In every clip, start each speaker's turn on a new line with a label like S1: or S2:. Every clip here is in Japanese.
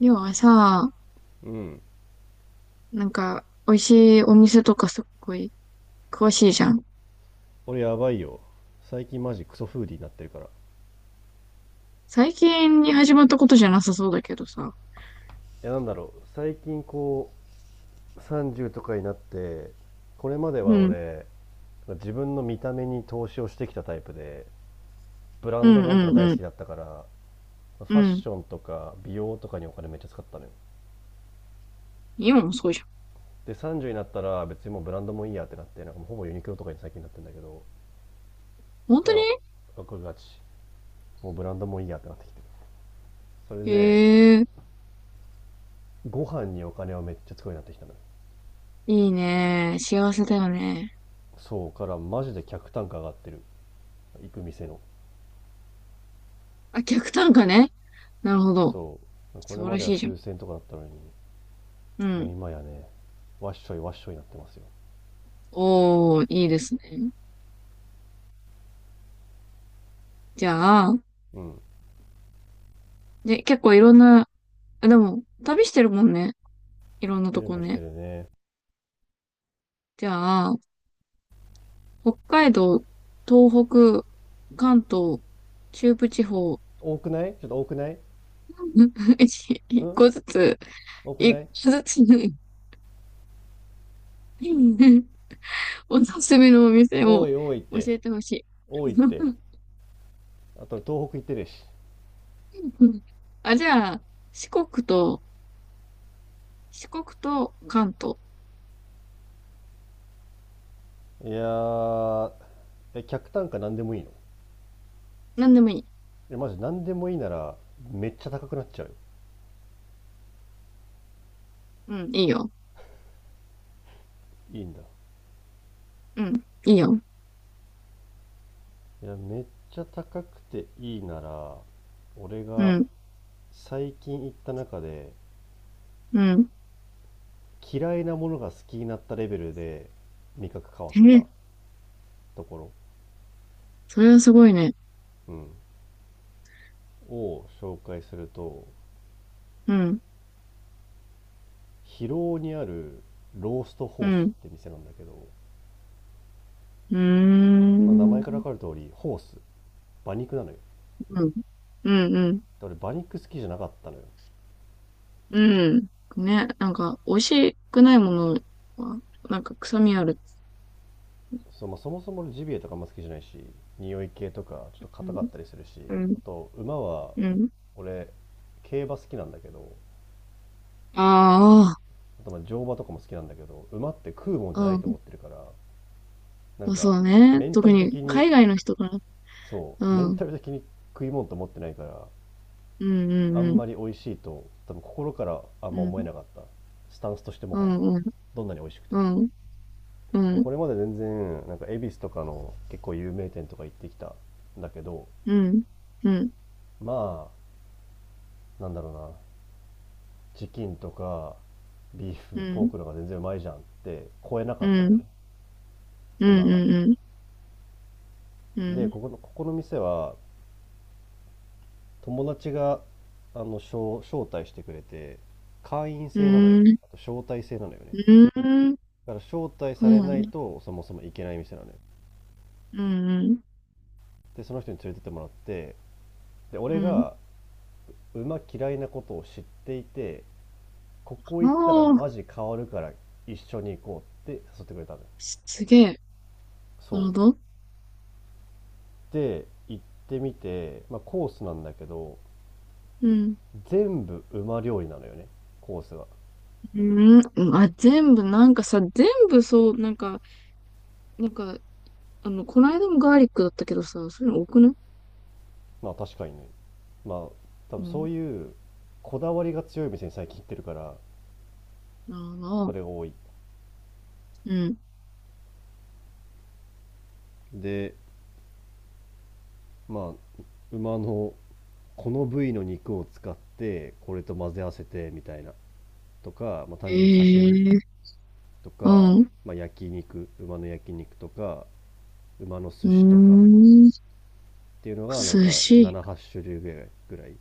S1: りょうはさ、
S2: うん。
S1: なんか、美味しいお店とかすっごい詳しいじゃん。
S2: 俺やばいよ。最近マジクソフーディーになってるから。い
S1: 最近に始まったことじゃなさそうだけどさ。
S2: や、なんだろう、最近こう30とかになって、これまで
S1: う
S2: は
S1: ん。
S2: 俺、自分の見た目に投資をしてきたタイプで、ブラ
S1: う
S2: ンド
S1: ん
S2: 物とか
S1: うん
S2: 大
S1: う
S2: 好
S1: ん。
S2: きだったから、フ
S1: う
S2: ァッ
S1: ん。
S2: ションとか美容とかにお金めっちゃ使ったのよ。
S1: 今もそうじゃん。
S2: で30になったら別にもうブランドもいいやってなって、なんかもうほぼユニクロとかに最近なってんだけど、
S1: 本
S2: か
S1: 当に
S2: ら僕がちもうブランドもいいやってなってきてる。それで
S1: へえ、
S2: ご飯にお金をめっちゃ使うようになってきたのよ。
S1: いいね。幸せだよね。
S2: そうからマジで客単価上がってる、行く店の。
S1: あ、客単価ね。なるほど。
S2: そうこ
S1: 素
S2: れ
S1: 晴
S2: ま
S1: ら
S2: では
S1: しいじゃん。
S2: 数千とかだったのに、
S1: う
S2: もう
S1: ん。
S2: 今やね、わっしょいわっしょいになってますよ。
S1: おー、いいですね。じゃあ、
S2: うん、
S1: で、結構いろんな、あでも、旅してるもんね。いろんな
S2: そう
S1: と
S2: いう
S1: こ
S2: のして
S1: ね。
S2: るね。
S1: じゃあ、北海道、東北、関東、中部地方、
S2: 多くない？ちょっと多くない？
S1: 一
S2: う
S1: 一
S2: ん、
S1: 個ずつ、
S2: 多く
S1: 一
S2: ない。
S1: 個ずつ、おすすめのお店
S2: 多
S1: を
S2: い多いっ
S1: 教
S2: て。
S1: えてほしい。
S2: 多いって。 あと東北行ってるし。
S1: あ、じゃあ、四国と、四国と関東。
S2: いやー、え、客単価何でもいいの？
S1: なんでもいい。
S2: え、マジ何でもいいなら、めっちゃ高くなっちゃうよ。
S1: うん、いいよ。
S2: いいんだ。
S1: うん、いいよ。
S2: いや、めっちゃ高くていいなら、俺
S1: う
S2: が
S1: ん、
S2: 最近行った中で
S1: うん。
S2: 嫌いなものが好きになったレベルで味覚変わっ
S1: え
S2: た
S1: ー、
S2: ところ、
S1: それはすごいね。
S2: うん、を紹介すると、
S1: うん、
S2: 広尾にあるロースト
S1: う
S2: ホースっ
S1: ん、
S2: て店なんだけど、
S1: うー
S2: まあ、名前から
S1: ん、
S2: 分かる通りホース、馬肉なのよ。
S1: うん、うん、うん、
S2: 俺馬肉好きじゃなかったのよ。
S1: うん。ね、なんか、美味しくないものは、なんか臭みある。
S2: そ、まあ、そもそもジビエとかあんま好きじゃないし、匂い系とかちょっと
S1: う
S2: 硬
S1: ん、
S2: かったりするし、
S1: うん、
S2: あと馬は、
S1: うん。
S2: 俺競馬好きなんだけど、
S1: あ
S2: あとまあ乗馬とかも好きなんだけど馬って食うもんじゃな
S1: あ、
S2: いと
S1: うん。
S2: 思ってるから、なん
S1: まあそ
S2: か
S1: うね。
S2: メンタ
S1: 特
S2: ル
S1: に、
S2: 的に、
S1: 海外の人から。
S2: そ
S1: う
S2: うメ
S1: ん、
S2: ン
S1: うん、
S2: タル的に食い物と思ってないから、
S1: う
S2: あん
S1: ん、
S2: まり美味しいと多分心からあん
S1: う
S2: ま思え
S1: ん、
S2: なかった。スタンスとしても
S1: う
S2: はや、
S1: ん、うん、
S2: どんなに美味しくて
S1: うん、う
S2: も、こ
S1: ん、
S2: れまで全然なんか恵比寿とかの結構有名店とか行ってきたんだけど、
S1: うん、うん、
S2: まあなんだろうな、チキンとかビー
S1: う
S2: フ
S1: ん、う
S2: ポー
S1: ん、
S2: クの方が全然うまいじゃんって超えなか
S1: う
S2: ったのよね、
S1: ん、う
S2: 馬が。
S1: ん、うん、う
S2: でこ
S1: ん、
S2: この店は、友達があの招待してくれて、会員
S1: う
S2: 制なのよ、
S1: ん、うん、う
S2: あと招待制なのよね。
S1: ん、
S2: だから招待されないとそもそも行けない店なのよ。
S1: うん、
S2: でその人に連れてってもらって、で
S1: う
S2: 俺
S1: ん。
S2: が馬嫌いなことを知っていて、ここ
S1: あ
S2: 行ったら
S1: あー、
S2: マジ変わるから一緒に行こうって誘ってくれたのよ。
S1: すげえ。
S2: そ
S1: なる
S2: う
S1: ほど。
S2: で行ってみて、まあ、コースなんだけど、
S1: うん。
S2: 全部馬料理なのよね、コースが。
S1: うん、あ、全部、なんかさ、全部そう、なんか、なんか、あの、この間もガーリックだったけどさ、そういうの多くない
S2: まあ確かにね、まあ多
S1: う
S2: 分そう
S1: ん。
S2: いうこだわりが強い店に最近行ってるから、
S1: あ
S2: そ
S1: の、
S2: れが多い。
S1: うん。
S2: で、まあ馬のこの部位の肉を使ってこれと混ぜ合わせてみたいなとか、まあ、単純に刺身
S1: ええ
S2: と
S1: う
S2: か、
S1: ん。う
S2: まあ、焼肉、馬の焼肉とか馬の
S1: ー
S2: 寿司とかっ
S1: ん。
S2: ていうのがなん
S1: 寿
S2: か
S1: 司。
S2: 78種類ぐらい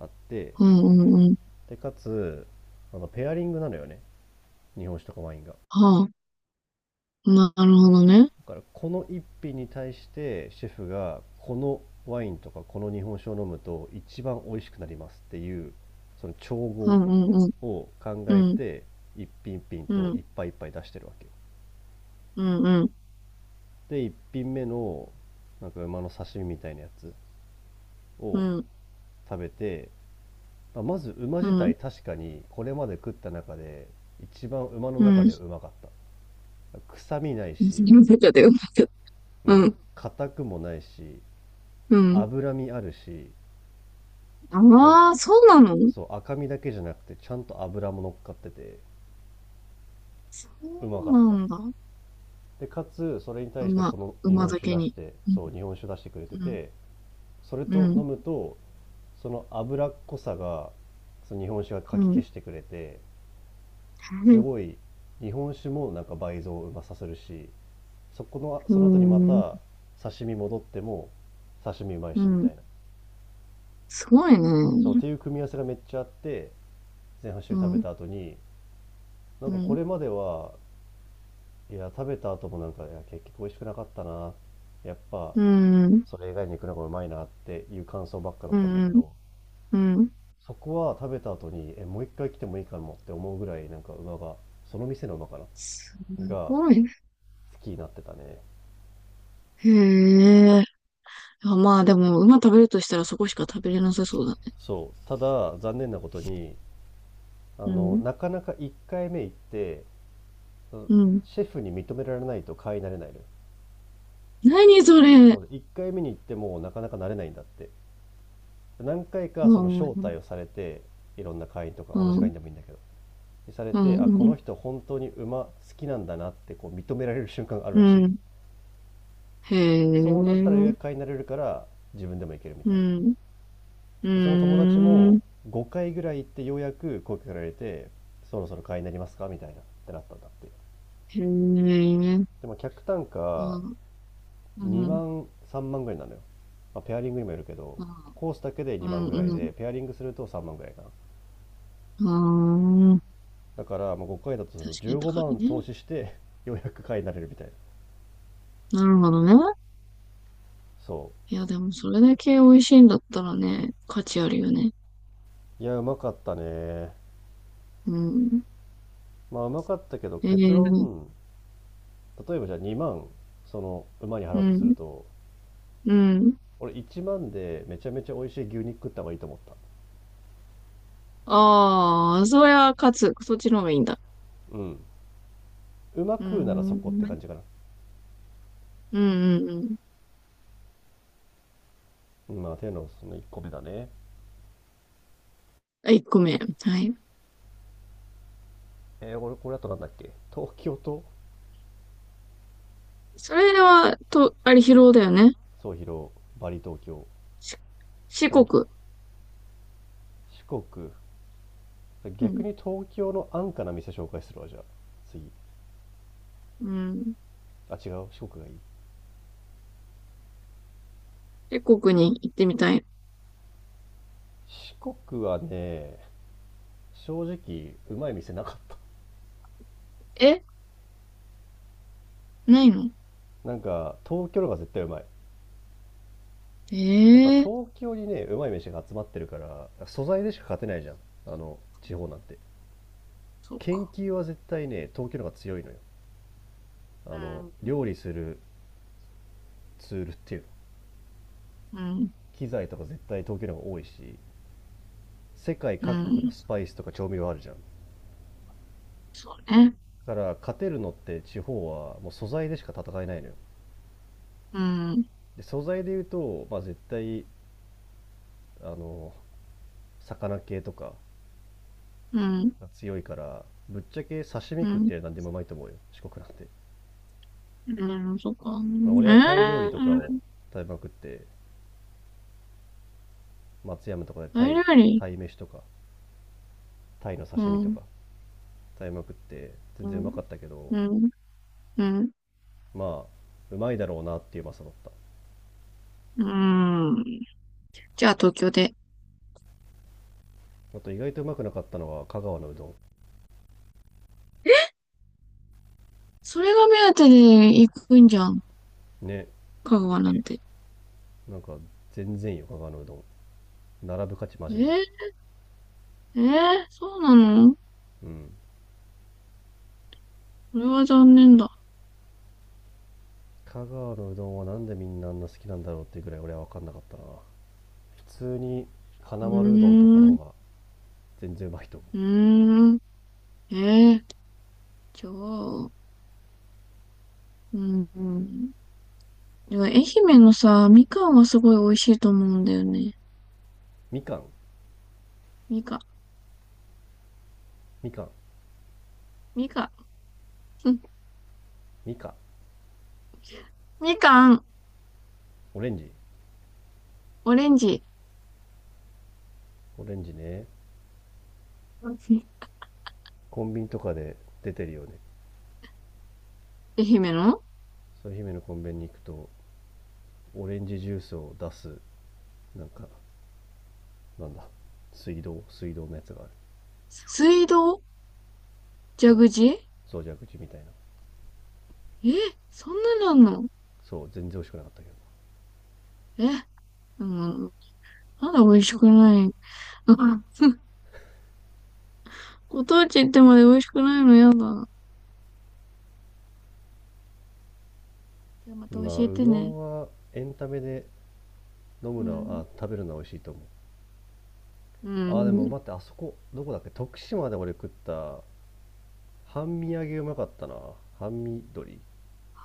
S2: あって、
S1: うんうんうん。
S2: でかつ、あのペアリングなのよね、日本酒とかワインが。
S1: はあ、なるほどね。
S2: だからこの一品に対してシェフがこのワインとかこの日本酒を飲むと一番美味しくなりますっていうその調
S1: う
S2: 合
S1: んうんうん。
S2: を考え
S1: うん、
S2: て、一品一品
S1: う
S2: とい
S1: ん、
S2: っぱいいっぱい出してるわけよ。
S1: うん、
S2: で一品目のなんか馬の刺身みたいなやつ
S1: う
S2: を
S1: ん、うん、
S2: 食べて、まあまず馬
S1: う
S2: 自
S1: ん。
S2: 体、確かにこれまで食った中で一番、馬の
S1: う
S2: 中で
S1: ん。
S2: うまかった。臭みないし、
S1: よかったよかった。
S2: う
S1: う
S2: ん、
S1: ん、
S2: 硬くもないし、
S1: うん。
S2: 脂身あるし、なんか
S1: ああ、そうなのそ
S2: そう赤身だけじゃなくてちゃんと脂も乗っかってて、うまか
S1: う
S2: っ
S1: な
S2: た。
S1: んだ。
S2: でかつそれに対して
S1: 馬、
S2: この日
S1: 馬
S2: 本
S1: だ
S2: 酒
S1: け
S2: 出し
S1: に。
S2: て、
S1: うん、
S2: そう日本酒出してくれて
S1: うん、
S2: て、それ
S1: う
S2: と飲
S1: ん。
S2: むと、その脂っこさがその日本酒がか
S1: う
S2: き消
S1: ん。
S2: してくれて、すごい、日本酒もなんか倍増うまさせるし、そこの
S1: う
S2: その後にま
S1: ん。
S2: た刺身戻っても刺身うまい
S1: う
S2: しみた
S1: ん。
S2: いな、
S1: すごい
S2: そうっ
S1: ね。
S2: ていう組み合わせがめっちゃあって、前半
S1: う
S2: 種食べ
S1: ん。
S2: た後に、なん
S1: う
S2: かこ
S1: ん。
S2: れまでは、いや、食べた後もなんか、いや、結局美味しくなかったな。やっぱ、
S1: うん。
S2: それ以外に行くのがうまいなっていう感想ばっかだっ
S1: う
S2: たんだけ
S1: ん。
S2: ど、
S1: うん。
S2: そこは食べた後に、え、もう一回来てもいいかもって思うぐらい、なんか馬が、その店の馬かな
S1: す
S2: が
S1: ごいね。
S2: 好きになってたね。
S1: へえ。あ、まあでも、馬食べるとしたらそこしか食べれなさそうだね。
S2: そう。ただ、残念なことに、あ
S1: う
S2: の、
S1: ん。
S2: なかなか1回目行って、うん、
S1: うん。
S2: シェフに認められないと買い慣れないのよ。
S1: 何それ。
S2: そうで、1回目に行ってもなかなか慣れないんだって。何回
S1: う
S2: かその招待
S1: ん。
S2: をされて、いろんな会員とか、
S1: う
S2: 同じ
S1: ん。う
S2: 会
S1: ん。
S2: 員でもいいんだけど、され
S1: う
S2: て、あ、この
S1: ん。
S2: 人本当に馬好きなんだなってこう認められる瞬間がある
S1: う
S2: らしい。
S1: んへ
S2: そうなった
S1: え。
S2: ら予約会になれるから自分でも行けるみ
S1: う
S2: たいな。
S1: ん。うー
S2: その友達も
S1: ん。
S2: 5回ぐらい行ってようやく声かけられて、そろそろ会員になりますかみたいなってなったんだって。
S1: へえ。
S2: でも客単
S1: う
S2: 価
S1: ん。う
S2: 2
S1: ん。
S2: 万3万ぐらいなのよ、まあ、ペアリングにもよるけど、コースだけで
S1: う
S2: 2万
S1: ん。
S2: ぐらい
S1: う
S2: で、
S1: ん。
S2: ペアリングすると3万ぐらいかな。
S1: ああ。
S2: だからまあ5回だとする
S1: 確
S2: と
S1: かに
S2: 15
S1: 高
S2: 万
S1: い
S2: 投
S1: ね。
S2: 資してようやく会員になれるみたいな。
S1: なるほどね。
S2: そ
S1: いや、でもそれだけ美味しいんだったらね、価値あるよね。
S2: う、いやうまかったね。
S1: うん。
S2: まあうまかったけど
S1: え
S2: 結
S1: ー、
S2: 論、例えばじゃあ2万その馬に
S1: う
S2: 払うとする
S1: ん、
S2: と、
S1: うん。
S2: 俺1万でめちゃめちゃ美味しい牛肉食った方がいいと思った。
S1: ああ、そりゃ勝つ。そっちの方がいいんだ。
S2: うん、馬
S1: うー
S2: 食うなら
S1: ん、
S2: そこって
S1: うん、
S2: 感じかな。
S1: うん、うん。
S2: うん、まあ手のその1個目だね。
S1: あ、1個目。はい。
S2: えー、これこれあとなんだっけ、東京と、
S1: それは、と、あれ、疲労だよね。
S2: 総広、バリ東京、
S1: し四
S2: なんか、
S1: 国。
S2: 四国、
S1: う
S2: 逆
S1: ん、
S2: に東京の安価な店紹介するわじゃあ次、
S1: うん。
S2: あ違う四国がいい。
S1: 四国に行ってみたい。
S2: 四国はね、正直うまい店なかっ
S1: えないの
S2: た、なんか東京の方が絶対うまい。
S1: え
S2: やっぱ
S1: えー、
S2: 東京にね、うまい飯が集まってるから、素材でしか勝てないじゃん。あの、地方なんて。
S1: そう
S2: 研
S1: か。
S2: 究は絶対ね、東京の方が強いのよ。あ
S1: う
S2: の、
S1: ん、
S2: 料理するツールっていうの、
S1: うん、
S2: 機材とか絶対東京の方が多いし、世界
S1: う
S2: 各国の
S1: ん。
S2: スパイスとか調味料あるじゃん。だ
S1: そうね。
S2: から勝てるのって地方はもう素材でしか戦えないのよ。
S1: うん、
S2: で、素材で言うと、まあ絶対、あの、魚系とか
S1: うん、
S2: が強いから、ぶっちゃけ刺身
S1: う
S2: 食っ
S1: ん。
S2: て何でもうまいと思うよ、四国なんて。
S1: うん、そっか。う
S2: まあ、
S1: ん、
S2: 俺はタイ料理
S1: え
S2: とかを
S1: ー、
S2: 食べまくって、松山とかでタ
S1: タイ
S2: イ、
S1: 料理。
S2: タイ飯とかタイの
S1: う
S2: 刺身と
S1: ん、
S2: か食べまくって全
S1: う
S2: 然うま
S1: ん、
S2: かったけど、
S1: うん、うん。
S2: まあうまいだろうなっていううまさだった。
S1: うんじゃあ東京で。
S2: あと意外とうまくなかったのは香川のうど
S1: それが目当てで行くんじゃん。
S2: んね。
S1: 香川なんて。
S2: なんか全然いいよ香川のうどん、並ぶ価値マ
S1: え
S2: ジない。
S1: ー、えー、そうなの
S2: うん、
S1: それは残念だ。
S2: 香川のうどんはなんでみんなあんな好きなんだろうっていうぐらい俺は分かんなかったな。普通に
S1: う
S2: 花丸うどんとかの
S1: ー
S2: 方
S1: ん、
S2: が全然うまいと思う。
S1: うーん。えー、じゃあ、うん、うん。でも愛媛のさ、みかんはすごい美味しいと思うんだよね。
S2: みかん、
S1: みかん、
S2: みかん、
S1: みかん、うん
S2: みかん、
S1: みかん、
S2: オレンジ、
S1: オレンジ。
S2: オレンジね。
S1: うん
S2: コンビニとかで出てるよね。
S1: 愛媛の
S2: そう、姫のコンビニに行くと、オレンジジュースを出す、なんか、なんだ、水道のやつがある。
S1: 水道
S2: そ
S1: 蛇
S2: う、
S1: 口
S2: そうじゃ口みたいな。
S1: え、そんなのあんの
S2: そう、全然美味しくなかったけ
S1: え、うん、まだ美味しくない。う ご当地行ってまで美味しくないのやだ。じゃあま
S2: ど。
S1: た
S2: まあ
S1: 教え
S2: う
S1: て
S2: ど
S1: ね。
S2: んはエンタメで、飲む
S1: う
S2: のは、
S1: ん。
S2: あ、食べるのは美味しいと思う。
S1: う
S2: あーでも
S1: ん。
S2: 待って、あそこどこだっけ、徳島で俺食った半身揚げうまかったな、半身鶏。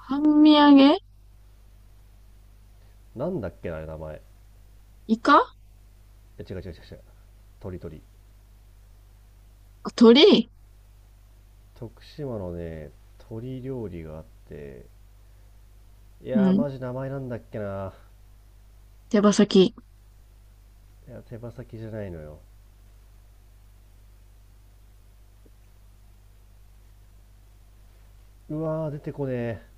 S1: 半身揚げ
S2: なんだっけなあれ名前。
S1: イカ
S2: え、違う違う違う違う、鳥。
S1: あ鳥
S2: 徳島のね、鳥料理があって、い
S1: う
S2: やー、
S1: ん。
S2: マジ名前なんだっけな。
S1: 手羽先。
S2: いや、手羽先じゃないのよ。うわー、出てこねえ。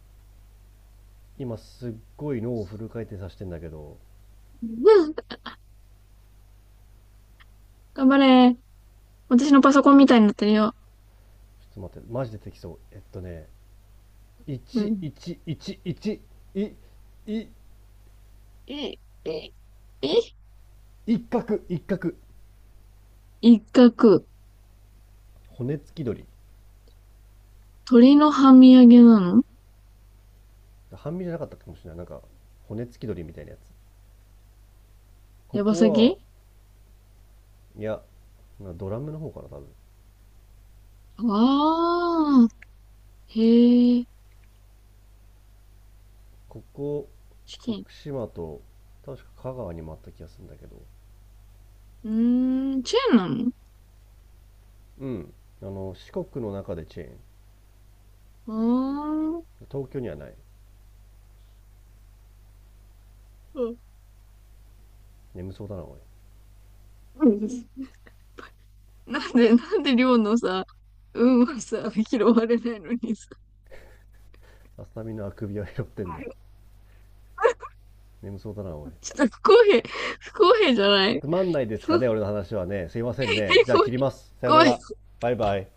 S2: 今すっごい脳をフル回転させてんだけど。
S1: うん。頑張れ。私のパソコンみたいになってるよ。
S2: ちょっと待って、マジ出てきそう。えっとね、
S1: う
S2: 1、
S1: ん。
S2: 1、1、1、い、い、
S1: え、え、え、
S2: 一角、一角。
S1: 一角。
S2: 骨付き鳥。
S1: 鳥の半身揚げなの
S2: 半身じゃなかったかもしれない。なんか、骨付き鳥みたいなやつ。こ
S1: 手羽
S2: こ
S1: 先
S2: は、いや、ドラムの方かな、多分。
S1: ああー。へえ。
S2: ここ、
S1: チキン。
S2: 徳島と、確か香川にもあった気がするんだけど。
S1: うーん、チェーンなの
S2: うん。あの、四国の中でチェーン。
S1: ああー。
S2: 東京にはない。
S1: うん
S2: 眠そうだな、おい。
S1: ななんで寮のさ、運はさ、拾われないのにさ。
S2: アスタミのあくびを拾ってんだよ。眠そうだな、おい。
S1: ちょっと不公平、不公平じゃない
S2: つまんないですか
S1: 不
S2: ね、
S1: 公
S2: 俺の話はね。すいませんね。
S1: 平
S2: じ ゃあ
S1: 不
S2: 切ります。さよな
S1: 公平
S2: ら。バイバイ。